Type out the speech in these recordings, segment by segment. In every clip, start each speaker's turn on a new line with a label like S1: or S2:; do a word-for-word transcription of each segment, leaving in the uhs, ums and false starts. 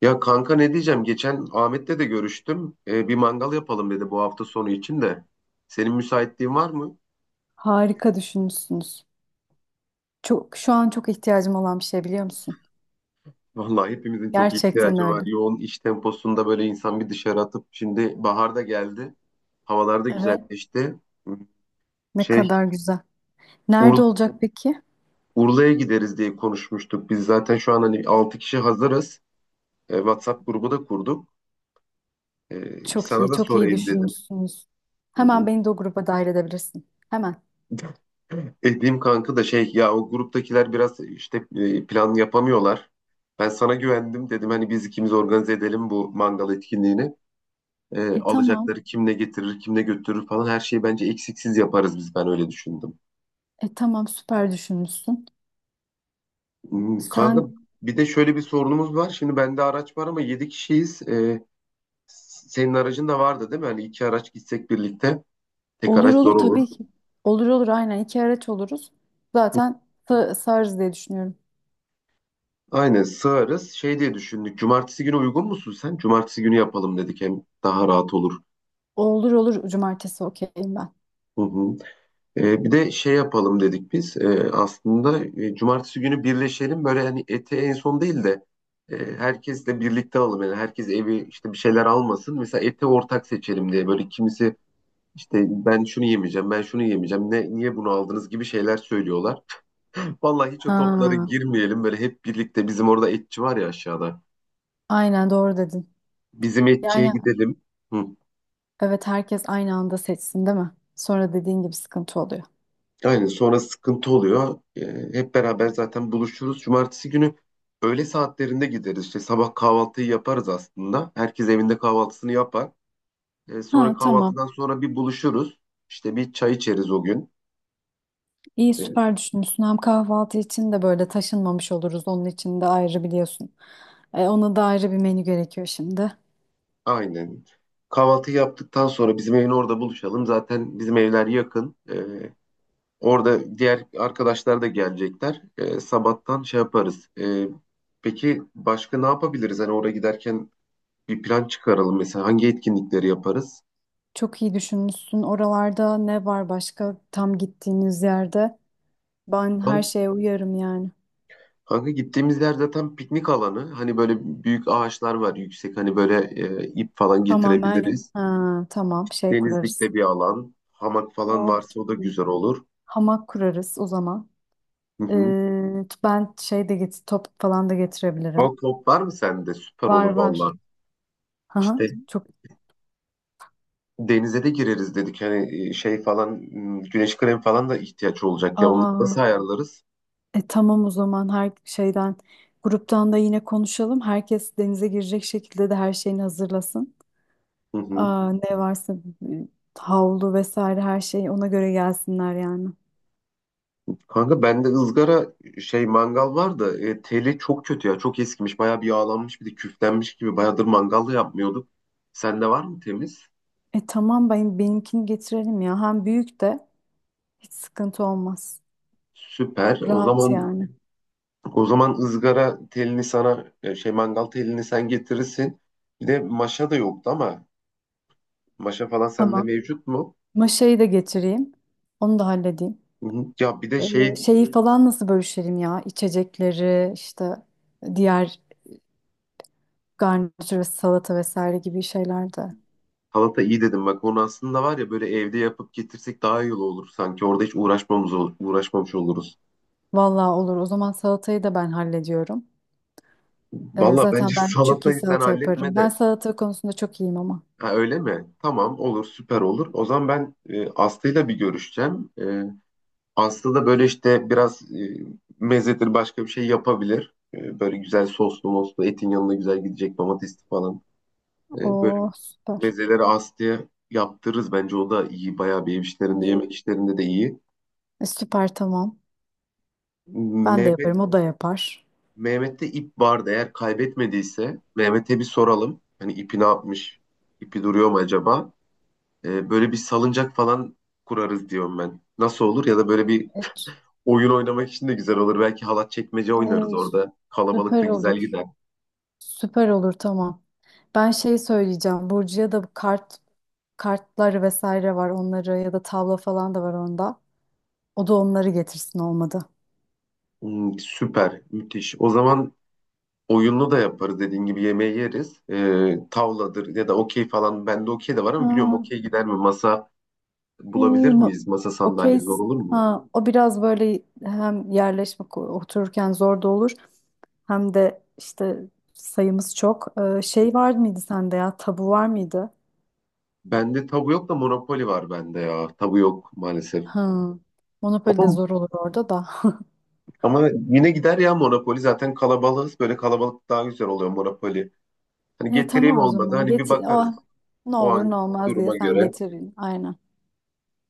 S1: Ya kanka ne diyeceğim? Geçen Ahmet'le de görüştüm. Ee, bir mangal yapalım dedi bu hafta sonu için de. Senin müsaitliğin var mı?
S2: Harika düşünmüşsünüz. Çok, şu an çok ihtiyacım olan bir şey biliyor musun?
S1: Vallahi hepimizin çok
S2: Gerçekten
S1: ihtiyacı var.
S2: öyle.
S1: Yoğun iş temposunda böyle insan bir dışarı atıp şimdi bahar da geldi. Havalar da
S2: Evet.
S1: güzelleşti.
S2: Ne
S1: Şey
S2: kadar güzel. Nerede
S1: Ur-
S2: olacak peki?
S1: Urla'ya gideriz diye konuşmuştuk. Biz zaten şu an hani altı kişi hazırız. Ee, WhatsApp grubu da kurduk. Ee,
S2: Çok
S1: sana
S2: iyi,
S1: da
S2: çok iyi
S1: sorayım dedim.
S2: düşünmüşsünüz.
S1: Hı
S2: Hemen
S1: hı.
S2: beni de o gruba dahil edebilirsin. Hemen.
S1: Dediğim kanka da şey ya o gruptakiler biraz işte e, plan yapamıyorlar. Ben sana güvendim dedim hani biz ikimiz organize edelim bu mangal etkinliğini. E,
S2: E tamam.
S1: alacakları kim ne getirir kim ne götürür falan her şeyi bence eksiksiz yaparız biz, ben öyle düşündüm.
S2: E tamam, süper düşünmüşsün.
S1: Hmm, Kanka,
S2: Sen
S1: bir de şöyle bir sorunumuz var. Şimdi bende araç var ama yedi kişiyiz. E, senin aracın da vardı değil mi? Hani iki araç gitsek birlikte, tek
S2: olur
S1: araç
S2: olur,
S1: zor olur.
S2: tabii ki. Olur olur, aynen iki araç oluruz. Zaten sa- sığarız diye düşünüyorum.
S1: Aynen sığarız. Şey diye düşündük. Cumartesi günü uygun musun sen? Cumartesi günü yapalım dedik. Hem daha rahat olur.
S2: Olur olur, cumartesi okeyim ben.
S1: Hı hı. Ee, bir de şey yapalım dedik biz. Ee, aslında e, cumartesi günü birleşelim. Böyle hani eti en son değil de e, herkesle birlikte alalım. Yani herkes evi işte bir şeyler almasın. Mesela eti ortak seçelim diye. Böyle kimisi işte ben şunu yemeyeceğim, ben şunu yemeyeceğim. Ne, niye bunu aldınız gibi şeyler söylüyorlar. Vallahi hiç o toplara
S2: Ha,
S1: girmeyelim. Böyle hep birlikte, bizim orada etçi var ya aşağıda.
S2: aynen doğru dedin.
S1: Bizim etçiye
S2: Yani
S1: gidelim. Hı.
S2: evet, herkes aynı anda seçsin değil mi? Sonra dediğin gibi sıkıntı oluyor.
S1: Aynen, sonra sıkıntı oluyor. Ee, hep beraber zaten buluşuruz. Cumartesi günü öğle saatlerinde gideriz. İşte sabah kahvaltıyı yaparız aslında. Herkes evinde kahvaltısını yapar. Ee,
S2: Ha,
S1: sonra
S2: tamam.
S1: kahvaltıdan sonra bir buluşuruz. İşte bir çay içeriz o gün.
S2: İyi,
S1: Ee,
S2: süper düşünmüşsün. Hem kahvaltı için de böyle taşınmamış oluruz. Onun için de ayrı biliyorsun. E, ona da ayrı bir menü gerekiyor şimdi.
S1: aynen. Kahvaltı yaptıktan sonra bizim evin orada buluşalım. Zaten bizim evler yakın. Ee, orada diğer arkadaşlar da gelecekler. Ee, sabahtan şey yaparız. Ee, peki başka ne yapabiliriz? Hani oraya giderken bir plan çıkaralım, mesela hangi etkinlikleri yaparız?
S2: Çok iyi düşünmüşsün. Oralarda ne var başka, tam gittiğiniz yerde? Ben her
S1: Al,
S2: şeye uyarım yani.
S1: kanka, gittiğimiz yer zaten piknik alanı. Hani böyle büyük ağaçlar var, yüksek, hani böyle e, ip falan
S2: Tamamen,
S1: getirebiliriz.
S2: ha, tamam, şey kurarız.
S1: Denizlikte bir alan. Hamak falan
S2: Oh,
S1: varsa o da
S2: çok iyi.
S1: güzel olur.
S2: Hamak kurarız o zaman.
S1: Hı hı.
S2: Ee, ben şey de get top falan da
S1: Al,
S2: getirebilirim.
S1: top var mı sende? Süper
S2: Var
S1: olur
S2: var.
S1: valla.
S2: Aha,
S1: İşte
S2: çok.
S1: denize de gireriz dedik. Hani e, şey falan, m, güneş kremi falan da ihtiyaç olacak ya. Onları nasıl
S2: Aa,
S1: ayarlarız?
S2: e, tamam, o zaman her şeyden gruptan da yine konuşalım. Herkes denize girecek şekilde de her şeyini hazırlasın.
S1: Hı hı.
S2: Aa, ne varsa e, havlu vesaire her şey ona göre gelsinler yani.
S1: Kanka, bende ızgara şey mangal var da e, teli çok kötü ya. Çok eskimiş. Bayağı bir yağlanmış, bir de küflenmiş gibi. Bayağıdır mangal da yapmıyorduk. Sende var mı temiz?
S2: E tamam, ben benimkini getirelim ya. Hem büyük de hiç sıkıntı olmaz.
S1: Süper. O
S2: Rahat
S1: zaman
S2: yani.
S1: o zaman ızgara telini sana, e, şey mangal telini sen getirirsin. Bir de maşa da yoktu ama maşa falan sende
S2: Tamam.
S1: mevcut mu?
S2: Maşayı da getireyim. Onu da halledeyim.
S1: Hı hı. Ya bir de şey,
S2: E, şeyi falan nasıl bölüşelim ya? İçecekleri işte, diğer garnitür ve salata vesaire gibi şeyler de.
S1: salata iyi dedim bak, onu aslında var ya, böyle evde yapıp getirsek daha iyi olur sanki. Orada hiç uğraşmamız olur, uğraşmamış oluruz.
S2: Vallahi olur. O zaman salatayı da ben hallediyorum. Ee,
S1: Valla bence
S2: zaten ben çok iyi
S1: salatayı sen
S2: salata
S1: halletme
S2: yaparım. Ben
S1: de.
S2: salata konusunda çok iyiyim ama.
S1: Ha, öyle mi? Tamam, olur, süper olur. O zaman ben, e, Aslı'yla bir görüşeceğim. E, Aslı da böyle işte biraz e, mezedir başka bir şey yapabilir. E, böyle güzel soslu moslu, etin yanına güzel gidecek, domatesli falan. E, böyle
S2: Oo, süper.
S1: mezeleri Aslı'ya yaptırırız. Bence o da iyi. Bayağı bir ev işlerinde,
S2: İyi.
S1: yemek işlerinde de iyi.
S2: E, süper, tamam. Ben de
S1: Mehmet
S2: yaparım. O da yapar.
S1: Mehmet'te ip vardı. Eğer kaybetmediyse Mehmet'e bir soralım. Hani ipi ne yapmış? İpi duruyor mu acaba? E, böyle bir salıncak falan kurarız diyorum ben. Nasıl olur? Ya da böyle bir
S2: Evet.
S1: oyun oynamak için de güzel olur. Belki halat çekmece
S2: E,
S1: oynarız orada. Kalabalık da
S2: Süper
S1: güzel
S2: olur.
S1: gider.
S2: Süper olur, tamam. Ben şey söyleyeceğim. Burcu'ya da bu kart kartları vesaire var, onları ya da tavla falan da var onda. O da onları getirsin olmadı.
S1: Hmm, süper, müthiş. O zaman oyunlu da yaparız, dediğin gibi yemeği yeriz. E, tavladır ya da okey falan. Bende okey de var ama biliyorum,
S2: Aa,
S1: okey gider mi? Masa bulabilir
S2: iyi.
S1: miyiz? Masa
S2: O
S1: sandalye zor
S2: case,
S1: olur mu?
S2: ha, o biraz böyle hem yerleşme ko- otururken zor da olur, hem de işte sayımız çok. Ee, şey var mıydı sende, ya tabu var mıydı?
S1: Bende tabu yok da Monopoly var bende ya. Tabu yok maalesef.
S2: Hı. Monopoly de
S1: Ama,
S2: zor olur orada da.
S1: ama yine gider ya Monopoly. Zaten kalabalığız. Böyle kalabalık daha güzel oluyor Monopoly. Hani
S2: E,
S1: getireyim,
S2: tamam, o
S1: olmadı
S2: zaman
S1: hani bir
S2: getir. O,
S1: bakarız
S2: ne
S1: o
S2: olur ne
S1: an
S2: olmaz diye
S1: duruma
S2: sen
S1: göre.
S2: getirin. Aynen,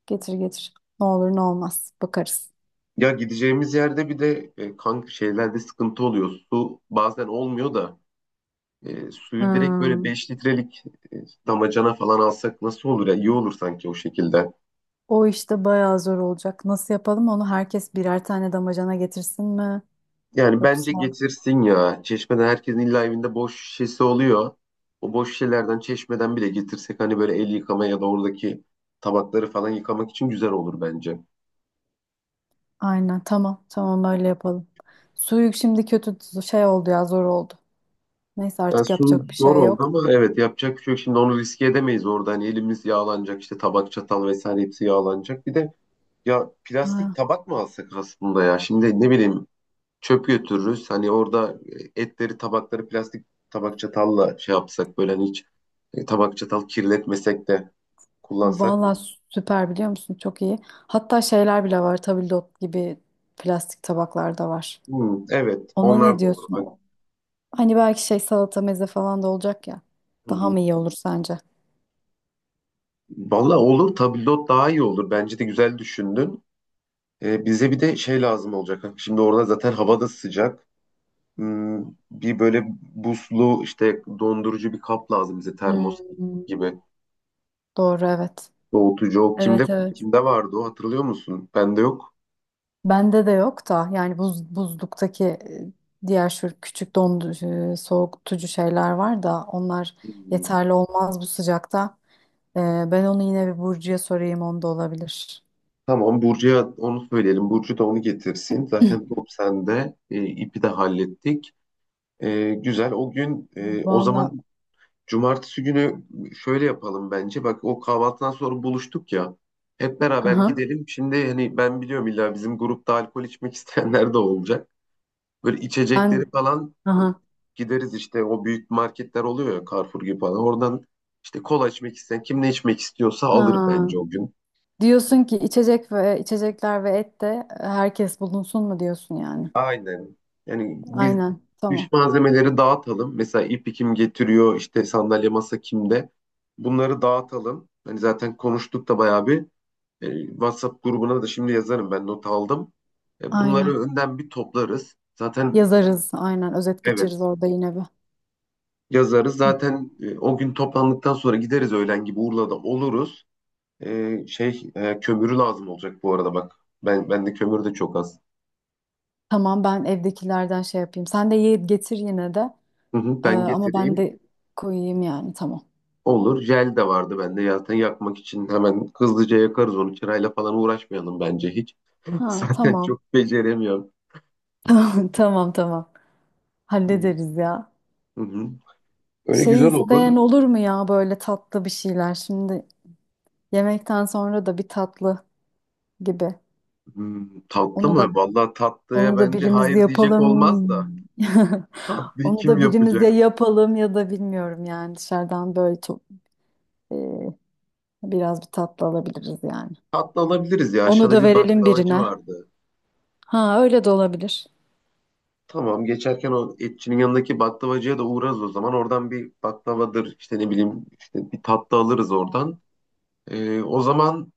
S2: getir getir. Ne olur ne olmaz bakarız.
S1: Ya gideceğimiz yerde bir de e, kanka, şeylerde sıkıntı oluyor. Su bazen olmuyor da e, suyu direkt böyle
S2: Hmm.
S1: beş litrelik e, damacana falan alsak nasıl olur ya? İyi olur sanki o şekilde.
S2: O işte bayağı zor olacak. Nasıl yapalım onu, herkes birer tane damacana getirsin mi?
S1: Yani bence
S2: Yoksa
S1: getirsin ya. Çeşmeden, herkesin illa evinde boş şişesi oluyor. O boş şişelerden çeşmeden bile getirsek, hani böyle el yıkama ya da oradaki tabakları falan yıkamak için güzel olur bence.
S2: aynen, tamam tamam, öyle yapalım. Suyuk şimdi kötü şey oldu ya, zor oldu. Neyse,
S1: Ya
S2: artık
S1: su
S2: yapacak bir
S1: zor
S2: şey
S1: oldu
S2: yok.
S1: ama evet, yapacak bir şey yok. Şimdi onu riske edemeyiz orada. Hani elimiz yağlanacak işte, tabak çatal vesaire hepsi yağlanacak. Bir de ya plastik
S2: Ha,
S1: tabak mı alsak aslında ya? Şimdi ne bileyim, çöp götürürüz. Hani orada e, etleri, tabakları plastik tabak çatalla şey yapsak, böyle hani hiç e, tabak çatal kirletmesek de kullansak.
S2: vallahi süper, biliyor musun, çok iyi. Hatta şeyler bile var, tabldot gibi plastik tabaklar da var.
S1: Hmm, evet,
S2: Ona ne
S1: onlar da olur.
S2: diyorsun?
S1: Bak.
S2: Hani belki şey, salata meze falan da olacak ya.
S1: Hı
S2: Daha
S1: hı.
S2: mı iyi olur sence?
S1: Vallahi olur, tabldot daha iyi olur. Bence de güzel düşündün. E, bize bir de şey lazım olacak. Şimdi orada zaten hava da sıcak. Hmm, bir böyle buzlu, işte dondurucu bir kap lazım bize,
S2: Hmm,
S1: termos gibi.
S2: doğru, evet.
S1: Soğutucu o kimde
S2: Evet evet.
S1: kimde vardı, o hatırlıyor musun? Bende yok.
S2: Bende de yok da, yani buz, buzluktaki e, diğer şu küçük dondurucu, e, soğutucu şeyler var da onlar
S1: Hmm.
S2: yeterli olmaz bu sıcakta. E, Ben onu yine bir Burcu'ya sorayım, onda olabilir.
S1: Tamam, Burcu'ya onu söyleyelim. Burcu da onu getirsin. Zaten top sende. E, ipi de hallettik. E, güzel. O gün, e, o
S2: Valla,
S1: zaman cumartesi günü şöyle yapalım bence. Bak, o kahvaltıdan sonra buluştuk ya. Hep
S2: hı
S1: beraber
S2: hı.
S1: gidelim. Şimdi hani ben biliyorum, illa bizim grupta alkol içmek isteyenler de olacak. Böyle içecekleri
S2: Ben,
S1: falan,
S2: hı
S1: e,
S2: hı.
S1: gideriz işte o büyük marketler oluyor ya, Carrefour gibi falan. Oradan işte kola içmek isteyen, kim ne içmek istiyorsa alır
S2: Ha.
S1: bence o gün.
S2: Diyorsun ki içecek ve içecekler ve et de herkes bulunsun mu diyorsun yani.
S1: Aynen. Yani biz
S2: Aynen, tamam,
S1: iş malzemeleri dağıtalım. Mesela ipi kim getiriyor, işte sandalye masa kimde. Bunları dağıtalım. Hani zaten konuştuk da bayağı bir. E, WhatsApp grubuna da şimdi yazarım, ben not aldım. E,
S2: aynen
S1: bunları önden bir toplarız. Zaten
S2: yazarız, aynen özet geçeriz
S1: evet,
S2: orada yine bir.
S1: yazarız. Zaten e, o gün toplandıktan sonra gideriz, öğlen gibi Urla'da oluruz. E, şey, e, kömürü lazım olacak bu arada bak. Ben bende kömür de çok az.
S2: Tamam, ben evdekilerden şey yapayım. Sen de ye- getir yine de.
S1: Hı hı,
S2: Ee,
S1: ben
S2: ama ben
S1: getireyim.
S2: de koyayım yani, tamam.
S1: Olur. Jel de vardı bende. Zaten yakmak için hemen hızlıca yakarız onu. Çırayla falan uğraşmayalım bence hiç.
S2: Ha,
S1: Zaten
S2: tamam.
S1: çok beceremiyorum.
S2: Tamam tamam.
S1: Hı
S2: Hallederiz ya.
S1: hı. Öyle
S2: Şey
S1: güzel olur.
S2: isteyen olur mu ya, böyle tatlı bir şeyler? Şimdi yemekten sonra da bir tatlı gibi.
S1: Hmm, tatlı
S2: Onu da
S1: mı? Vallahi tatlıya
S2: onu da
S1: bence
S2: birimiz
S1: hayır diyecek
S2: yapalım.
S1: olmaz da. Tatlıyı
S2: Onu
S1: kim
S2: da birimiz ya
S1: yapacak?
S2: yapalım, ya da bilmiyorum yani, dışarıdan böyle çok, e, biraz bir tatlı alabiliriz yani.
S1: Tatlı alabiliriz ya.
S2: Onu
S1: Aşağıda
S2: da
S1: bir
S2: verelim
S1: baklavacı
S2: birine.
S1: vardı.
S2: Ha, öyle de olabilir.
S1: Tamam, geçerken o etçinin yanındaki baklavacıya da uğrarız o zaman. Oradan bir baklavadır işte, ne bileyim işte, bir tatlı alırız oradan. Ee, o zaman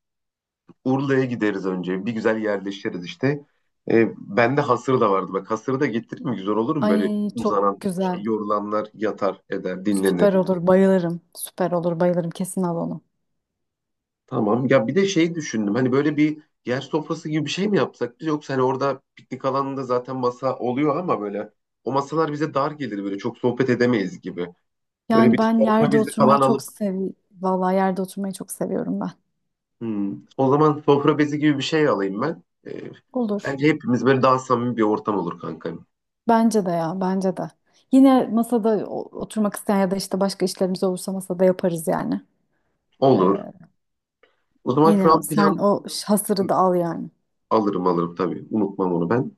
S1: Urla'ya gideriz önce. Bir güzel yerleşiriz işte. Ee, bende hasır da vardı. Bak, hasırı da getireyim mi? Güzel olur mu? Böyle
S2: Ay, çok
S1: uzanan şey,
S2: güzel.
S1: yorulanlar yatar eder,
S2: Süper
S1: dinlenir.
S2: olur, bayılırım. Süper olur, bayılırım. Kesin al onu.
S1: Tamam ya, bir de şey düşündüm. Hani böyle bir yer sofrası gibi bir şey mi yapsak biz? Yoksa hani orada piknik alanında zaten masa oluyor ama böyle o masalar bize dar gelir, böyle çok sohbet edemeyiz gibi. Böyle
S2: Yani
S1: bir
S2: ben
S1: sofra
S2: yerde
S1: bezi
S2: oturmayı
S1: falan
S2: çok
S1: alıp,
S2: seviyorum. Vallahi yerde oturmayı çok seviyorum ben.
S1: hmm. O zaman sofra bezi gibi bir şey alayım ben. Ee,
S2: Olur.
S1: bence hepimiz böyle daha samimi bir ortam olur kanka.
S2: Bence de ya, bence de. Yine masada o- oturmak isteyen ya da işte başka işlerimiz olursa masada yaparız yani. Ee,
S1: Olur. O zaman şu
S2: Yine o-
S1: an
S2: sen
S1: plan,
S2: o ş-
S1: hı,
S2: hasırı da al yani.
S1: alırım alırım tabii. Unutmam onu ben.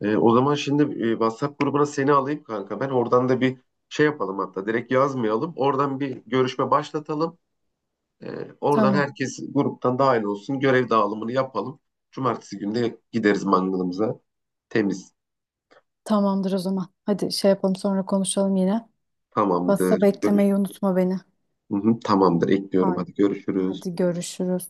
S1: Ee, o zaman şimdi e, WhatsApp grubuna seni alayım kanka. Ben oradan da bir şey yapalım hatta. Direkt yazmayalım. Oradan bir görüşme başlatalım. Ee, oradan
S2: Tamam,
S1: herkes gruptan dahil olsun. Görev dağılımını yapalım. Cumartesi günde gideriz mangalımıza. Temiz.
S2: tamamdır o zaman. Hadi şey yapalım, sonra konuşalım yine. Basta
S1: Tamamdır. Görüşürüz.
S2: beklemeyi unutma beni.
S1: Hı hı, tamamdır, ekliyorum.
S2: Haydi,
S1: Hadi görüşürüz.
S2: hadi görüşürüz.